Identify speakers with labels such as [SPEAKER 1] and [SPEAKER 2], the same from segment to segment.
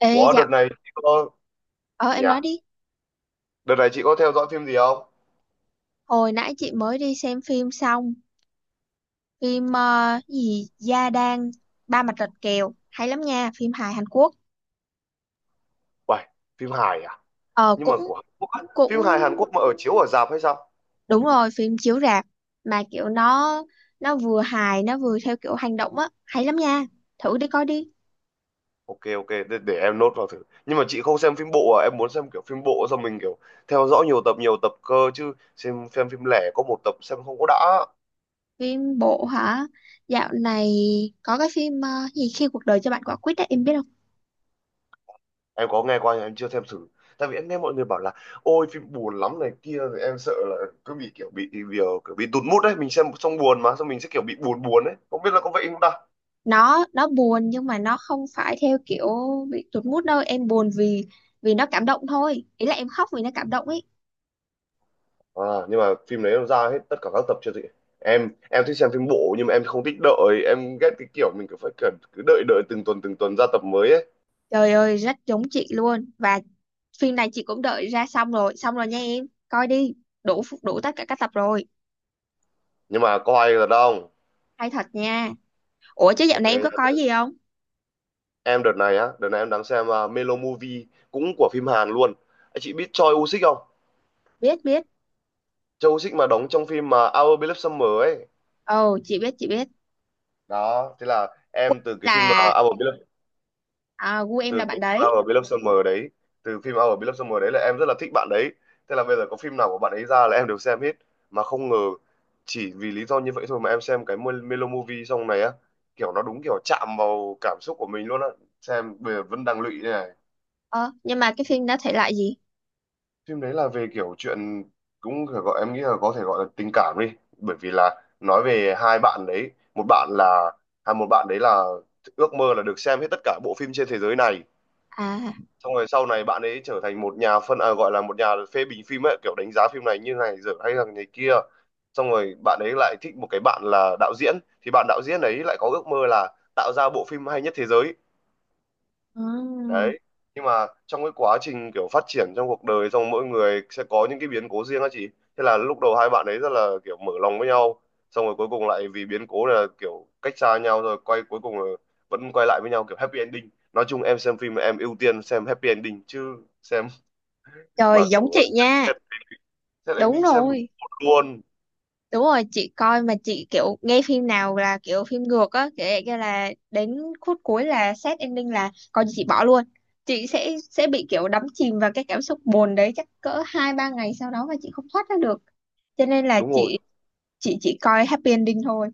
[SPEAKER 1] Ê,
[SPEAKER 2] Ủa,
[SPEAKER 1] dạ,
[SPEAKER 2] đợt này chị có
[SPEAKER 1] ờ
[SPEAKER 2] nhỉ
[SPEAKER 1] em nói
[SPEAKER 2] à?
[SPEAKER 1] đi.
[SPEAKER 2] Đợt này chị có theo dõi phim gì không?
[SPEAKER 1] Hồi nãy chị mới đi xem phim xong, phim ờ, gì Gia Đang Ba Mặt Rạch Kèo, hay lắm nha, phim hài Hàn Quốc.
[SPEAKER 2] Uầy, phim hài à?
[SPEAKER 1] Ờ
[SPEAKER 2] Nhưng mà
[SPEAKER 1] cũng
[SPEAKER 2] của Hàn Quốc á.
[SPEAKER 1] cũng
[SPEAKER 2] Phim hài Hàn Quốc mà ở chiếu ở rạp hay sao?
[SPEAKER 1] đúng rồi, phim chiếu rạp mà kiểu nó vừa hài nó vừa theo kiểu hành động á, hay lắm nha. Thử đi coi đi.
[SPEAKER 2] Ok ok, để em nốt vào thử. Nhưng mà chị không xem phim bộ à? Em muốn xem kiểu phim bộ xong mình kiểu theo dõi nhiều tập cơ chứ xem phim lẻ có một tập xem không có đã.
[SPEAKER 1] Phim bộ hả? Dạo này có cái phim ờ, gì khi cuộc đời cho bạn quả quýt á, em biết
[SPEAKER 2] Em có nghe qua nhưng em chưa xem thử. Tại vì em nghe mọi người bảo là ôi phim buồn lắm này kia, rồi em sợ là cứ bị kiểu kiểu bị tụt mood đấy, mình xem xong buồn mà xong mình sẽ kiểu bị buồn buồn đấy. Không biết là có vậy không ta?
[SPEAKER 1] nó buồn nhưng mà nó không phải theo kiểu bị tụt mood đâu, em buồn vì vì nó cảm động thôi, ý là em khóc vì nó cảm động ấy.
[SPEAKER 2] À, nhưng mà phim đấy nó ra hết tất cả các tập chưa chị? Em thích xem phim bộ nhưng mà em không thích đợi, em ghét cái kiểu mình cứ phải cần cứ đợi đợi từng tuần ra tập mới ấy.
[SPEAKER 1] Trời ơi rất giống chị luôn. Và phim này chị cũng đợi ra xong rồi, xong rồi nha, em coi đi, đủ đủ tất cả các tập rồi.
[SPEAKER 2] Nhưng mà có hay là đâu.
[SPEAKER 1] Hay thật nha. Ủa chứ dạo
[SPEAKER 2] Ok,
[SPEAKER 1] này em có coi gì không?
[SPEAKER 2] em đợt này á, đợt này em đang xem Melo Movie, cũng của phim Hàn luôn. Anh chị biết Choi Woo-sik không?
[SPEAKER 1] Biết biết.
[SPEAKER 2] Choi Woo-sik mà đóng trong phim mà Our Beloved Summer ấy.
[SPEAKER 1] Ồ chị biết chị biết.
[SPEAKER 2] Đó, thế là em từ cái phim
[SPEAKER 1] Là
[SPEAKER 2] Our Beloved
[SPEAKER 1] à, gu em
[SPEAKER 2] từ
[SPEAKER 1] là bạn
[SPEAKER 2] cái phim
[SPEAKER 1] đấy.
[SPEAKER 2] Our Beloved Summer đấy, là em rất là thích bạn đấy. Thế là bây giờ có phim nào của bạn ấy ra là em đều xem hết, mà không ngờ chỉ vì lý do như vậy thôi mà em xem cái Melo Movie, xong này á, kiểu nó đúng kiểu chạm vào cảm xúc của mình luôn á, xem bây giờ vẫn đang lụy đây này.
[SPEAKER 1] Ờ nhưng mà cái phim đó thể loại gì?
[SPEAKER 2] Phim đấy là về kiểu chuyện cũng phải gọi, em nghĩ là có thể gọi là tình cảm đi, bởi vì là nói về hai bạn đấy. Một bạn là một bạn đấy là ước mơ là được xem hết tất cả bộ phim trên thế giới này,
[SPEAKER 1] À.
[SPEAKER 2] xong rồi sau này bạn ấy trở thành một nhà phân à, gọi là một nhà phê bình phim ấy, kiểu đánh giá phim này như này rồi, hay là này kia. Xong rồi bạn ấy lại thích một cái bạn là đạo diễn, thì bạn đạo diễn ấy lại có ước mơ là tạo ra bộ phim hay nhất thế giới
[SPEAKER 1] Ừ.
[SPEAKER 2] đấy. Nhưng mà trong cái quá trình kiểu phát triển trong cuộc đời, xong mỗi người sẽ có những cái biến cố riêng á chị. Thế là lúc đầu hai bạn ấy rất là kiểu mở lòng với nhau, xong rồi cuối cùng lại vì biến cố là kiểu cách xa nhau, rồi quay cuối cùng là vẫn quay lại với nhau, kiểu happy ending. Nói chung em xem phim em ưu tiên xem happy ending chứ, xem
[SPEAKER 1] Trời
[SPEAKER 2] mà
[SPEAKER 1] giống
[SPEAKER 2] kiểu
[SPEAKER 1] chị nha.
[SPEAKER 2] xem, xem
[SPEAKER 1] Đúng
[SPEAKER 2] anh xem đúng
[SPEAKER 1] rồi,
[SPEAKER 2] hồn luôn.
[SPEAKER 1] đúng rồi, chị coi mà chị kiểu nghe phim nào là kiểu phim ngược á kiểu vậy kia là đến khúc cuối là sad ending là coi như chị bỏ luôn. Chị sẽ bị kiểu đắm chìm vào cái cảm xúc buồn đấy chắc cỡ hai ba ngày sau đó mà chị không thoát ra được, cho nên là
[SPEAKER 2] Đúng rồi,
[SPEAKER 1] chị chỉ coi happy ending thôi.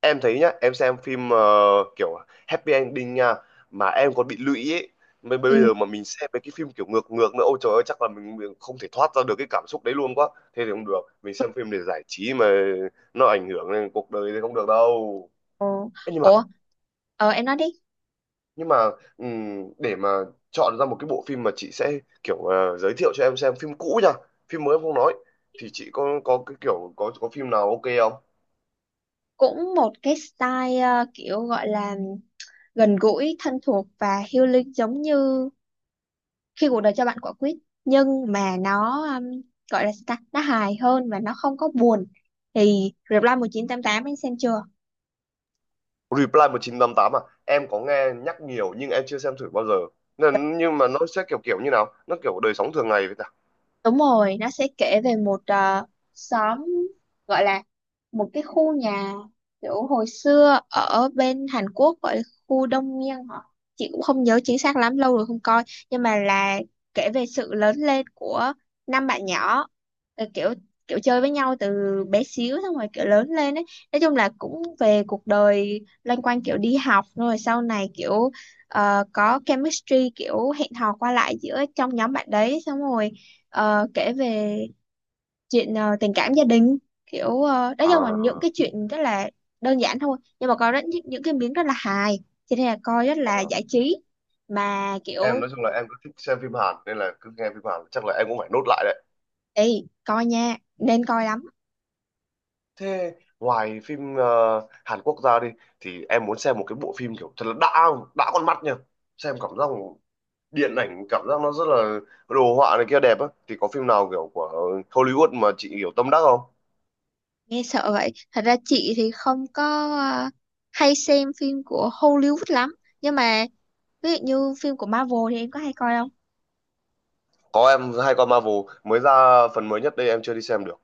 [SPEAKER 2] em thấy nhá, em xem phim kiểu happy ending nha mà em còn bị lụy ấy. Bây bây,
[SPEAKER 1] Ừ.
[SPEAKER 2] giờ mà mình xem mấy cái phim kiểu ngược ngược nữa, ôi trời ơi chắc là mình không thể thoát ra được cái cảm xúc đấy luôn quá. Thế thì không được, mình xem phim để giải trí mà, nó ảnh hưởng đến cuộc đời thì không được đâu.
[SPEAKER 1] Ờ,
[SPEAKER 2] Ê, nhưng mà
[SPEAKER 1] ủa, em nói đi.
[SPEAKER 2] nhưng mà để mà chọn ra một cái bộ phim mà chị sẽ kiểu giới thiệu cho em xem, phim cũ nha, phim mới em không nói, thì chị có cái kiểu có phim nào ok không?
[SPEAKER 1] Cũng một cái style kiểu gọi là gần gũi thân thuộc và healing giống như khi cuộc đời cho bạn quả quýt, nhưng mà nó gọi là sao ta, nó hài hơn và nó không có buồn. Thì Reply 1988 anh xem chưa?
[SPEAKER 2] Reply 1988 à? Em có nghe nhắc nhiều nhưng em chưa xem thử bao giờ. Nên, nhưng mà nó sẽ kiểu kiểu như nào? Nó kiểu đời sống thường ngày vậy ta?
[SPEAKER 1] Đúng rồi, nó sẽ kể về một xóm, gọi là một cái khu nhà kiểu hồi xưa ở bên Hàn Quốc, gọi là khu Đông Miên hả? Chị cũng không nhớ chính xác lắm, lâu rồi không coi, nhưng mà là kể về sự lớn lên của năm bạn nhỏ, ờ, kiểu kiểu chơi với nhau từ bé xíu xong rồi kiểu lớn lên ấy. Nói chung là cũng về cuộc đời loanh quanh kiểu đi học rồi sau này kiểu có chemistry kiểu hẹn hò qua lại giữa trong nhóm bạn đấy, xong rồi kể về chuyện tình cảm gia đình kiểu nói chung là những
[SPEAKER 2] À,
[SPEAKER 1] cái chuyện rất là đơn giản thôi, nhưng mà có rất những cái miếng rất là hài, cho nên là coi rất
[SPEAKER 2] ờ.
[SPEAKER 1] là giải trí mà
[SPEAKER 2] Em
[SPEAKER 1] kiểu.
[SPEAKER 2] nói chung là em cứ thích xem phim Hàn, nên là cứ nghe phim Hàn chắc là em cũng phải nốt lại đấy.
[SPEAKER 1] Ê coi nha, nên coi lắm.
[SPEAKER 2] Thế ngoài phim Hàn Quốc ra đi, thì em muốn xem một cái bộ phim kiểu thật là đã con mắt nha. Xem cảm giác điện ảnh, cảm giác nó rất là đồ họa này kia, đẹp á, thì có phim nào kiểu của Hollywood mà chị kiểu tâm đắc không?
[SPEAKER 1] Nghe sợ vậy. Thật ra chị thì không có ờ, hay xem phim của Hollywood lắm, nhưng mà ví dụ như phim của Marvel thì em có hay coi không?
[SPEAKER 2] Có, em hay con Marvel mới ra, phần mới nhất đây em chưa đi xem được.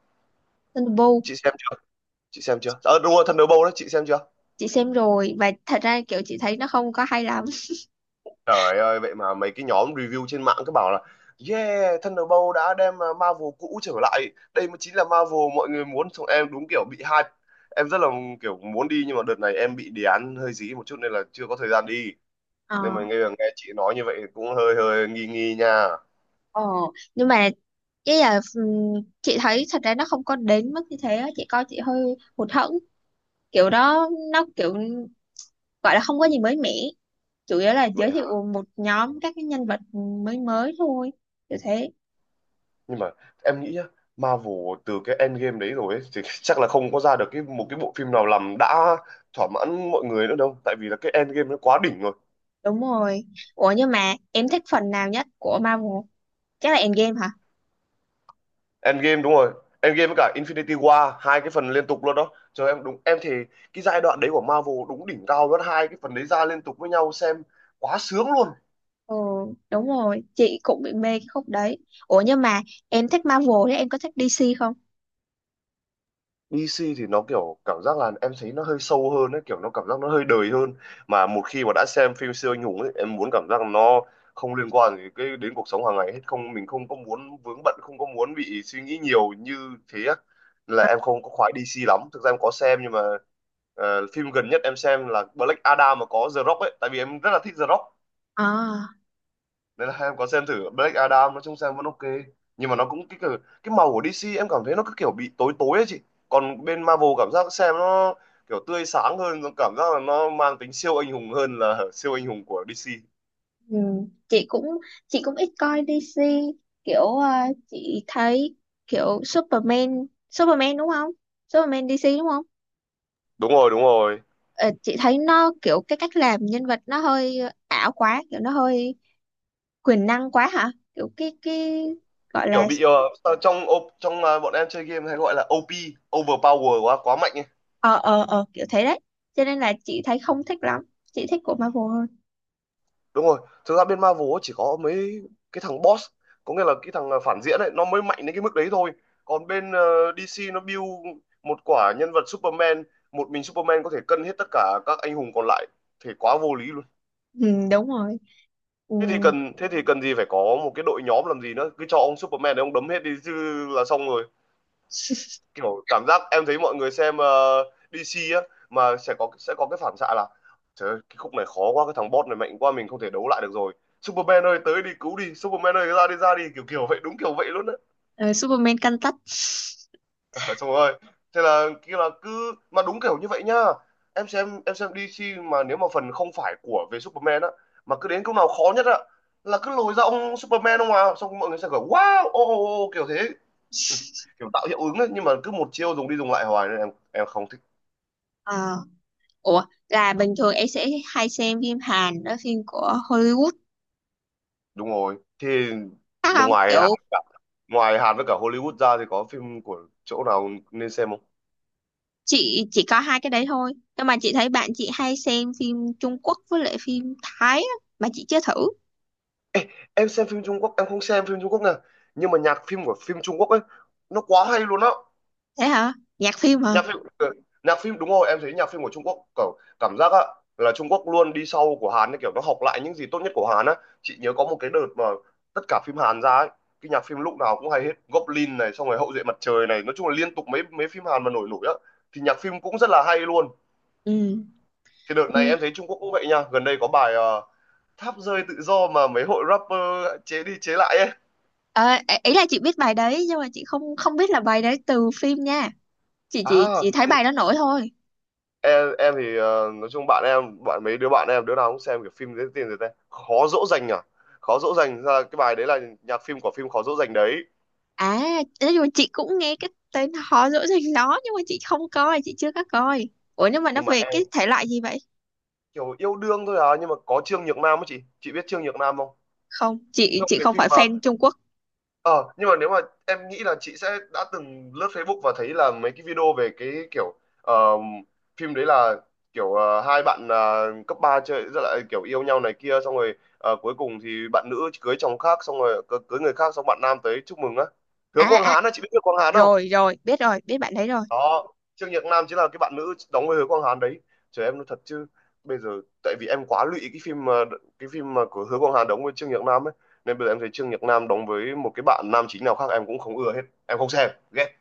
[SPEAKER 1] Thunderbolt
[SPEAKER 2] chị xem chưa chị xem chưa? Ờ, đúng rồi, Thunderbolt đó chị xem chưa?
[SPEAKER 1] chị xem rồi, và thật ra kiểu chị thấy nó không có hay lắm.
[SPEAKER 2] Trời ơi, vậy mà mấy cái nhóm review trên mạng cứ bảo là yeah, Thunderbolt đã đem Marvel cũ trở lại, đây mới chính là Marvel mọi người muốn, xong em đúng kiểu bị hype, em rất là kiểu muốn đi, nhưng mà đợt này em bị đề án hơi dí một chút nên là chưa có thời gian đi,
[SPEAKER 1] Ờ,
[SPEAKER 2] nên mà nghe nghe chị nói như vậy cũng hơi hơi nghi nghi nha.
[SPEAKER 1] ồ nhưng mà cái là chị thấy thật ra nó không có đến mức như thế á. Chị coi chị hơi hụt hẫng, kiểu đó nó kiểu gọi là không có gì mới mẻ, chủ yếu là giới
[SPEAKER 2] Vậy,
[SPEAKER 1] thiệu một nhóm các cái nhân vật mới mới thôi, kiểu thế.
[SPEAKER 2] nhưng mà em nghĩ nhá, Marvel từ cái Endgame đấy rồi ấy, thì chắc là không có ra được cái một cái bộ phim nào làm đã thỏa mãn mọi người nữa đâu, tại vì là cái Endgame nó quá đỉnh rồi.
[SPEAKER 1] Đúng rồi. Ủa nhưng mà em thích phần nào nhất của Marvel, chắc là Endgame hả?
[SPEAKER 2] Endgame đúng rồi, Endgame với cả Infinity War, hai cái phần liên tục luôn đó trời, em đúng em thì cái giai đoạn đấy của Marvel đúng đỉnh cao luôn, hai cái phần đấy ra liên tục với nhau xem quá sướng luôn.
[SPEAKER 1] Ừ đúng rồi, chị cũng bị mê cái khúc đấy. Ủa nhưng mà em thích Marvel thì em có thích DC không?
[SPEAKER 2] EC thì nó kiểu cảm giác là em thấy nó hơi sâu hơn ấy, kiểu nó cảm giác nó hơi đời hơn. Mà một khi mà đã xem phim siêu anh hùng ấy, em muốn cảm giác nó không liên quan gì cái đến cuộc sống hàng ngày hết, không, mình không có muốn vướng bận, không có muốn bị suy nghĩ nhiều như thế á. Nên là em không có khoái DC lắm, thực ra em có xem nhưng mà phim gần nhất em xem là Black Adam, mà có The Rock ấy, tại vì em rất là thích The Rock
[SPEAKER 1] À.
[SPEAKER 2] nên là hay em có xem thử Black Adam, nói chung xem vẫn ok, nhưng mà nó cũng cái cái màu của DC em cảm thấy nó cứ kiểu bị tối tối ấy chị, còn bên Marvel cảm giác xem nó kiểu tươi sáng hơn, nó cảm giác là nó mang tính siêu anh hùng hơn là siêu anh hùng của DC.
[SPEAKER 1] Ừ. Chị cũng, chị cũng ít coi DC, kiểu chị thấy kiểu Superman Superman đúng không? Superman DC đúng không?
[SPEAKER 2] Đúng rồi, đúng rồi,
[SPEAKER 1] Ờ, chị thấy nó kiểu cái cách làm nhân vật nó hơi ảo quá, kiểu nó hơi quyền năng quá hả? Kiểu cái gọi
[SPEAKER 2] kiểu
[SPEAKER 1] là.
[SPEAKER 2] bị sao, trong ô- trong ờ, bọn em chơi game hay gọi là OP, overpower, quá quá mạnh ấy.
[SPEAKER 1] Ờ ờ ờ kiểu thế đấy, cho nên là chị thấy không thích lắm, chị thích của Marvel hơn.
[SPEAKER 2] Đúng rồi, thực ra bên Marvel ấy chỉ có mấy cái thằng boss, có nghĩa là cái thằng phản diện ấy nó mới mạnh đến cái mức đấy thôi, còn bên DC nó build một quả nhân vật Superman, một mình Superman có thể cân hết tất cả các anh hùng còn lại, thì quá vô lý luôn.
[SPEAKER 1] Ừ, đúng rồi. Ừ.
[SPEAKER 2] Thế thì cần thế thì cần gì phải có một cái đội nhóm làm gì nữa, cứ cho ông Superman để ông đấm hết đi chứ, là xong rồi. Kiểu cảm giác em thấy mọi người xem DC á, mà sẽ có cái phản xạ là trời ơi, cái khúc này khó quá, cái thằng boss này mạnh quá, mình không thể đấu lại được rồi, Superman ơi tới đi, cứu đi Superman ơi, ra đi, ra đi, kiểu kiểu vậy, đúng kiểu vậy luôn á.
[SPEAKER 1] Ờ, Superman căn tấc.
[SPEAKER 2] Xong rồi thế là kia là cứ mà đúng kiểu như vậy nhá, em xem DC mà nếu mà phần không phải của về Superman á, mà cứ đến câu nào khó nhất á là cứ lồi ra ông Superman, ông, xong mọi người sẽ kiểu wow, ô, oh, oh, oh, kiểu thế, kiểu tạo hiệu ứng ấy, nhưng mà cứ một chiêu dùng đi dùng lại hoài nên em không thích.
[SPEAKER 1] Ủa là bình thường em sẽ hay xem phim Hàn đó, phim của Hollywood
[SPEAKER 2] Đúng rồi. Thì
[SPEAKER 1] khác không
[SPEAKER 2] ngoài Hàn,
[SPEAKER 1] kiểu?
[SPEAKER 2] với cả Hollywood ra thì có phim của chỗ nào nên xem không?
[SPEAKER 1] Chị chỉ có hai cái đấy thôi, nhưng mà chị thấy bạn chị hay xem phim Trung Quốc với lại phim Thái á, mà chị chưa thử.
[SPEAKER 2] Em xem phim Trung Quốc, em không xem phim Trung Quốc nè, nhưng mà nhạc phim của phim Trung Quốc ấy nó quá hay luôn á.
[SPEAKER 1] Thế hả? Nhạc phim hả?
[SPEAKER 2] Nhạc phim, đúng rồi, em thấy nhạc phim của Trung Quốc kiểu cảm giác á là Trung Quốc luôn đi sau của Hàn ấy, kiểu nó học lại những gì tốt nhất của Hàn á. Chị nhớ có một cái đợt mà tất cả phim Hàn ra ấy cái nhạc phim lúc nào cũng hay hết, Goblin này, xong rồi Hậu duệ mặt trời này, nói chung là liên tục mấy mấy phim Hàn mà nổi nổi á thì nhạc phim cũng rất là hay luôn.
[SPEAKER 1] Ừ.
[SPEAKER 2] Thì đợt này
[SPEAKER 1] Ừ,
[SPEAKER 2] em thấy Trung Quốc cũng vậy nha, gần đây có bài tháp rơi tự do mà mấy hội rapper chế đi chế lại ấy.
[SPEAKER 1] ờ, ý là chị biết bài đấy nhưng mà chị không không biết là bài đấy từ phim nha, chị chỉ
[SPEAKER 2] À,
[SPEAKER 1] chỉ thấy bài đó nổi thôi.
[SPEAKER 2] em thì nói chung bạn em, mấy đứa bạn em đứa nào cũng xem kiểu phim dễ tiền rồi ta, khó dỗ dành à, khó dỗ dành, ra cái bài đấy là nhạc phim của phim khó dỗ dành đấy.
[SPEAKER 1] À, nói chung là chị cũng nghe cái tên họ dỗ dành nó, nhưng mà chị không coi, chị chưa có coi. Ủa nhưng mà nó
[SPEAKER 2] Nhưng mà
[SPEAKER 1] về cái
[SPEAKER 2] em
[SPEAKER 1] thể loại gì vậy?
[SPEAKER 2] kiểu yêu đương thôi à, nhưng mà có Trương Nhược Nam á, chị biết Trương Nhược Nam không?
[SPEAKER 1] Không, chị,
[SPEAKER 2] Trong
[SPEAKER 1] chị
[SPEAKER 2] cái
[SPEAKER 1] không
[SPEAKER 2] phim
[SPEAKER 1] phải
[SPEAKER 2] mà,
[SPEAKER 1] fan Trung Quốc.
[SPEAKER 2] Ờ, nhưng mà nếu mà em nghĩ là chị sẽ đã từng lướt Facebook và thấy là mấy cái video về cái kiểu ờ, phim đấy là kiểu hai bạn cấp 3 chơi rất là kiểu yêu nhau này kia, xong rồi cuối cùng thì bạn nữ cưới chồng khác, xong rồi cưới người khác xong bạn nam tới chúc mừng á. Hứa
[SPEAKER 1] À
[SPEAKER 2] Quang
[SPEAKER 1] à
[SPEAKER 2] Hán á, chị biết Hứa Quang Hán không?
[SPEAKER 1] rồi rồi, biết rồi, biết bạn đấy rồi.
[SPEAKER 2] Đó, Trương Nhật Nam chính là cái bạn nữ đóng với Hứa Quang Hán đấy. Trời em nói thật chứ, bây giờ, tại vì em quá lụy cái phim mà, của Hứa Quang Hán đóng với Trương Nhật Nam ấy, nên bây giờ em thấy Trương Nhật Nam đóng với một cái bạn nam chính nào khác em cũng không ưa hết, em không xem, ghét,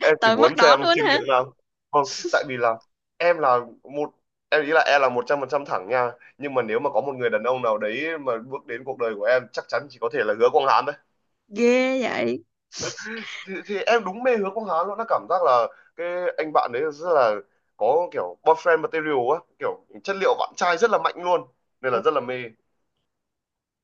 [SPEAKER 2] em chỉ
[SPEAKER 1] Tới mức
[SPEAKER 2] muốn
[SPEAKER 1] đó
[SPEAKER 2] xem
[SPEAKER 1] luôn
[SPEAKER 2] Trương
[SPEAKER 1] hả?
[SPEAKER 2] Nhật Nam. Không, tại vì là em là một em nghĩ là em là 100% thẳng nha, nhưng mà nếu mà có một người đàn ông nào đấy mà bước đến cuộc đời của em, chắc chắn chỉ có thể là Hứa Quang Hán thôi.
[SPEAKER 1] Ghê vậy.
[SPEAKER 2] Thì thì em đúng mê hướng con Hán luôn, nó cảm giác là cái anh bạn đấy rất là có kiểu boyfriend material á, kiểu chất liệu bạn trai rất là mạnh luôn, nên
[SPEAKER 1] Ừ.
[SPEAKER 2] là rất là mê.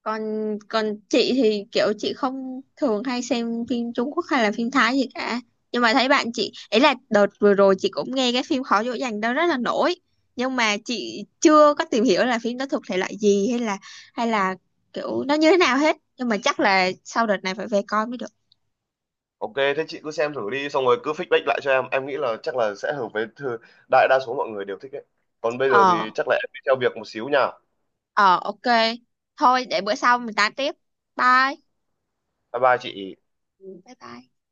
[SPEAKER 1] Còn, còn chị thì kiểu chị không thường hay xem phim Trung Quốc hay là phim Thái gì cả, nhưng mà thấy bạn chị ấy là đợt vừa rồi chị cũng nghe cái phim Khó dỗ dành đó rất là nổi, nhưng mà chị chưa có tìm hiểu là phim đó thuộc thể loại gì, hay là kiểu nó như thế nào hết, nhưng mà chắc là sau đợt này phải về coi mới được.
[SPEAKER 2] Ok, thế chị cứ xem thử đi, xong rồi cứ feedback lại cho em. Em nghĩ là chắc là sẽ hợp với đại đa số mọi người đều thích đấy. Còn bây giờ thì
[SPEAKER 1] Ờ,
[SPEAKER 2] chắc là em đi theo việc một xíu nha.
[SPEAKER 1] ờ ok, thôi để bữa sau mình tám tiếp, bye.
[SPEAKER 2] Bye bye chị.
[SPEAKER 1] Ừ. Bye bye.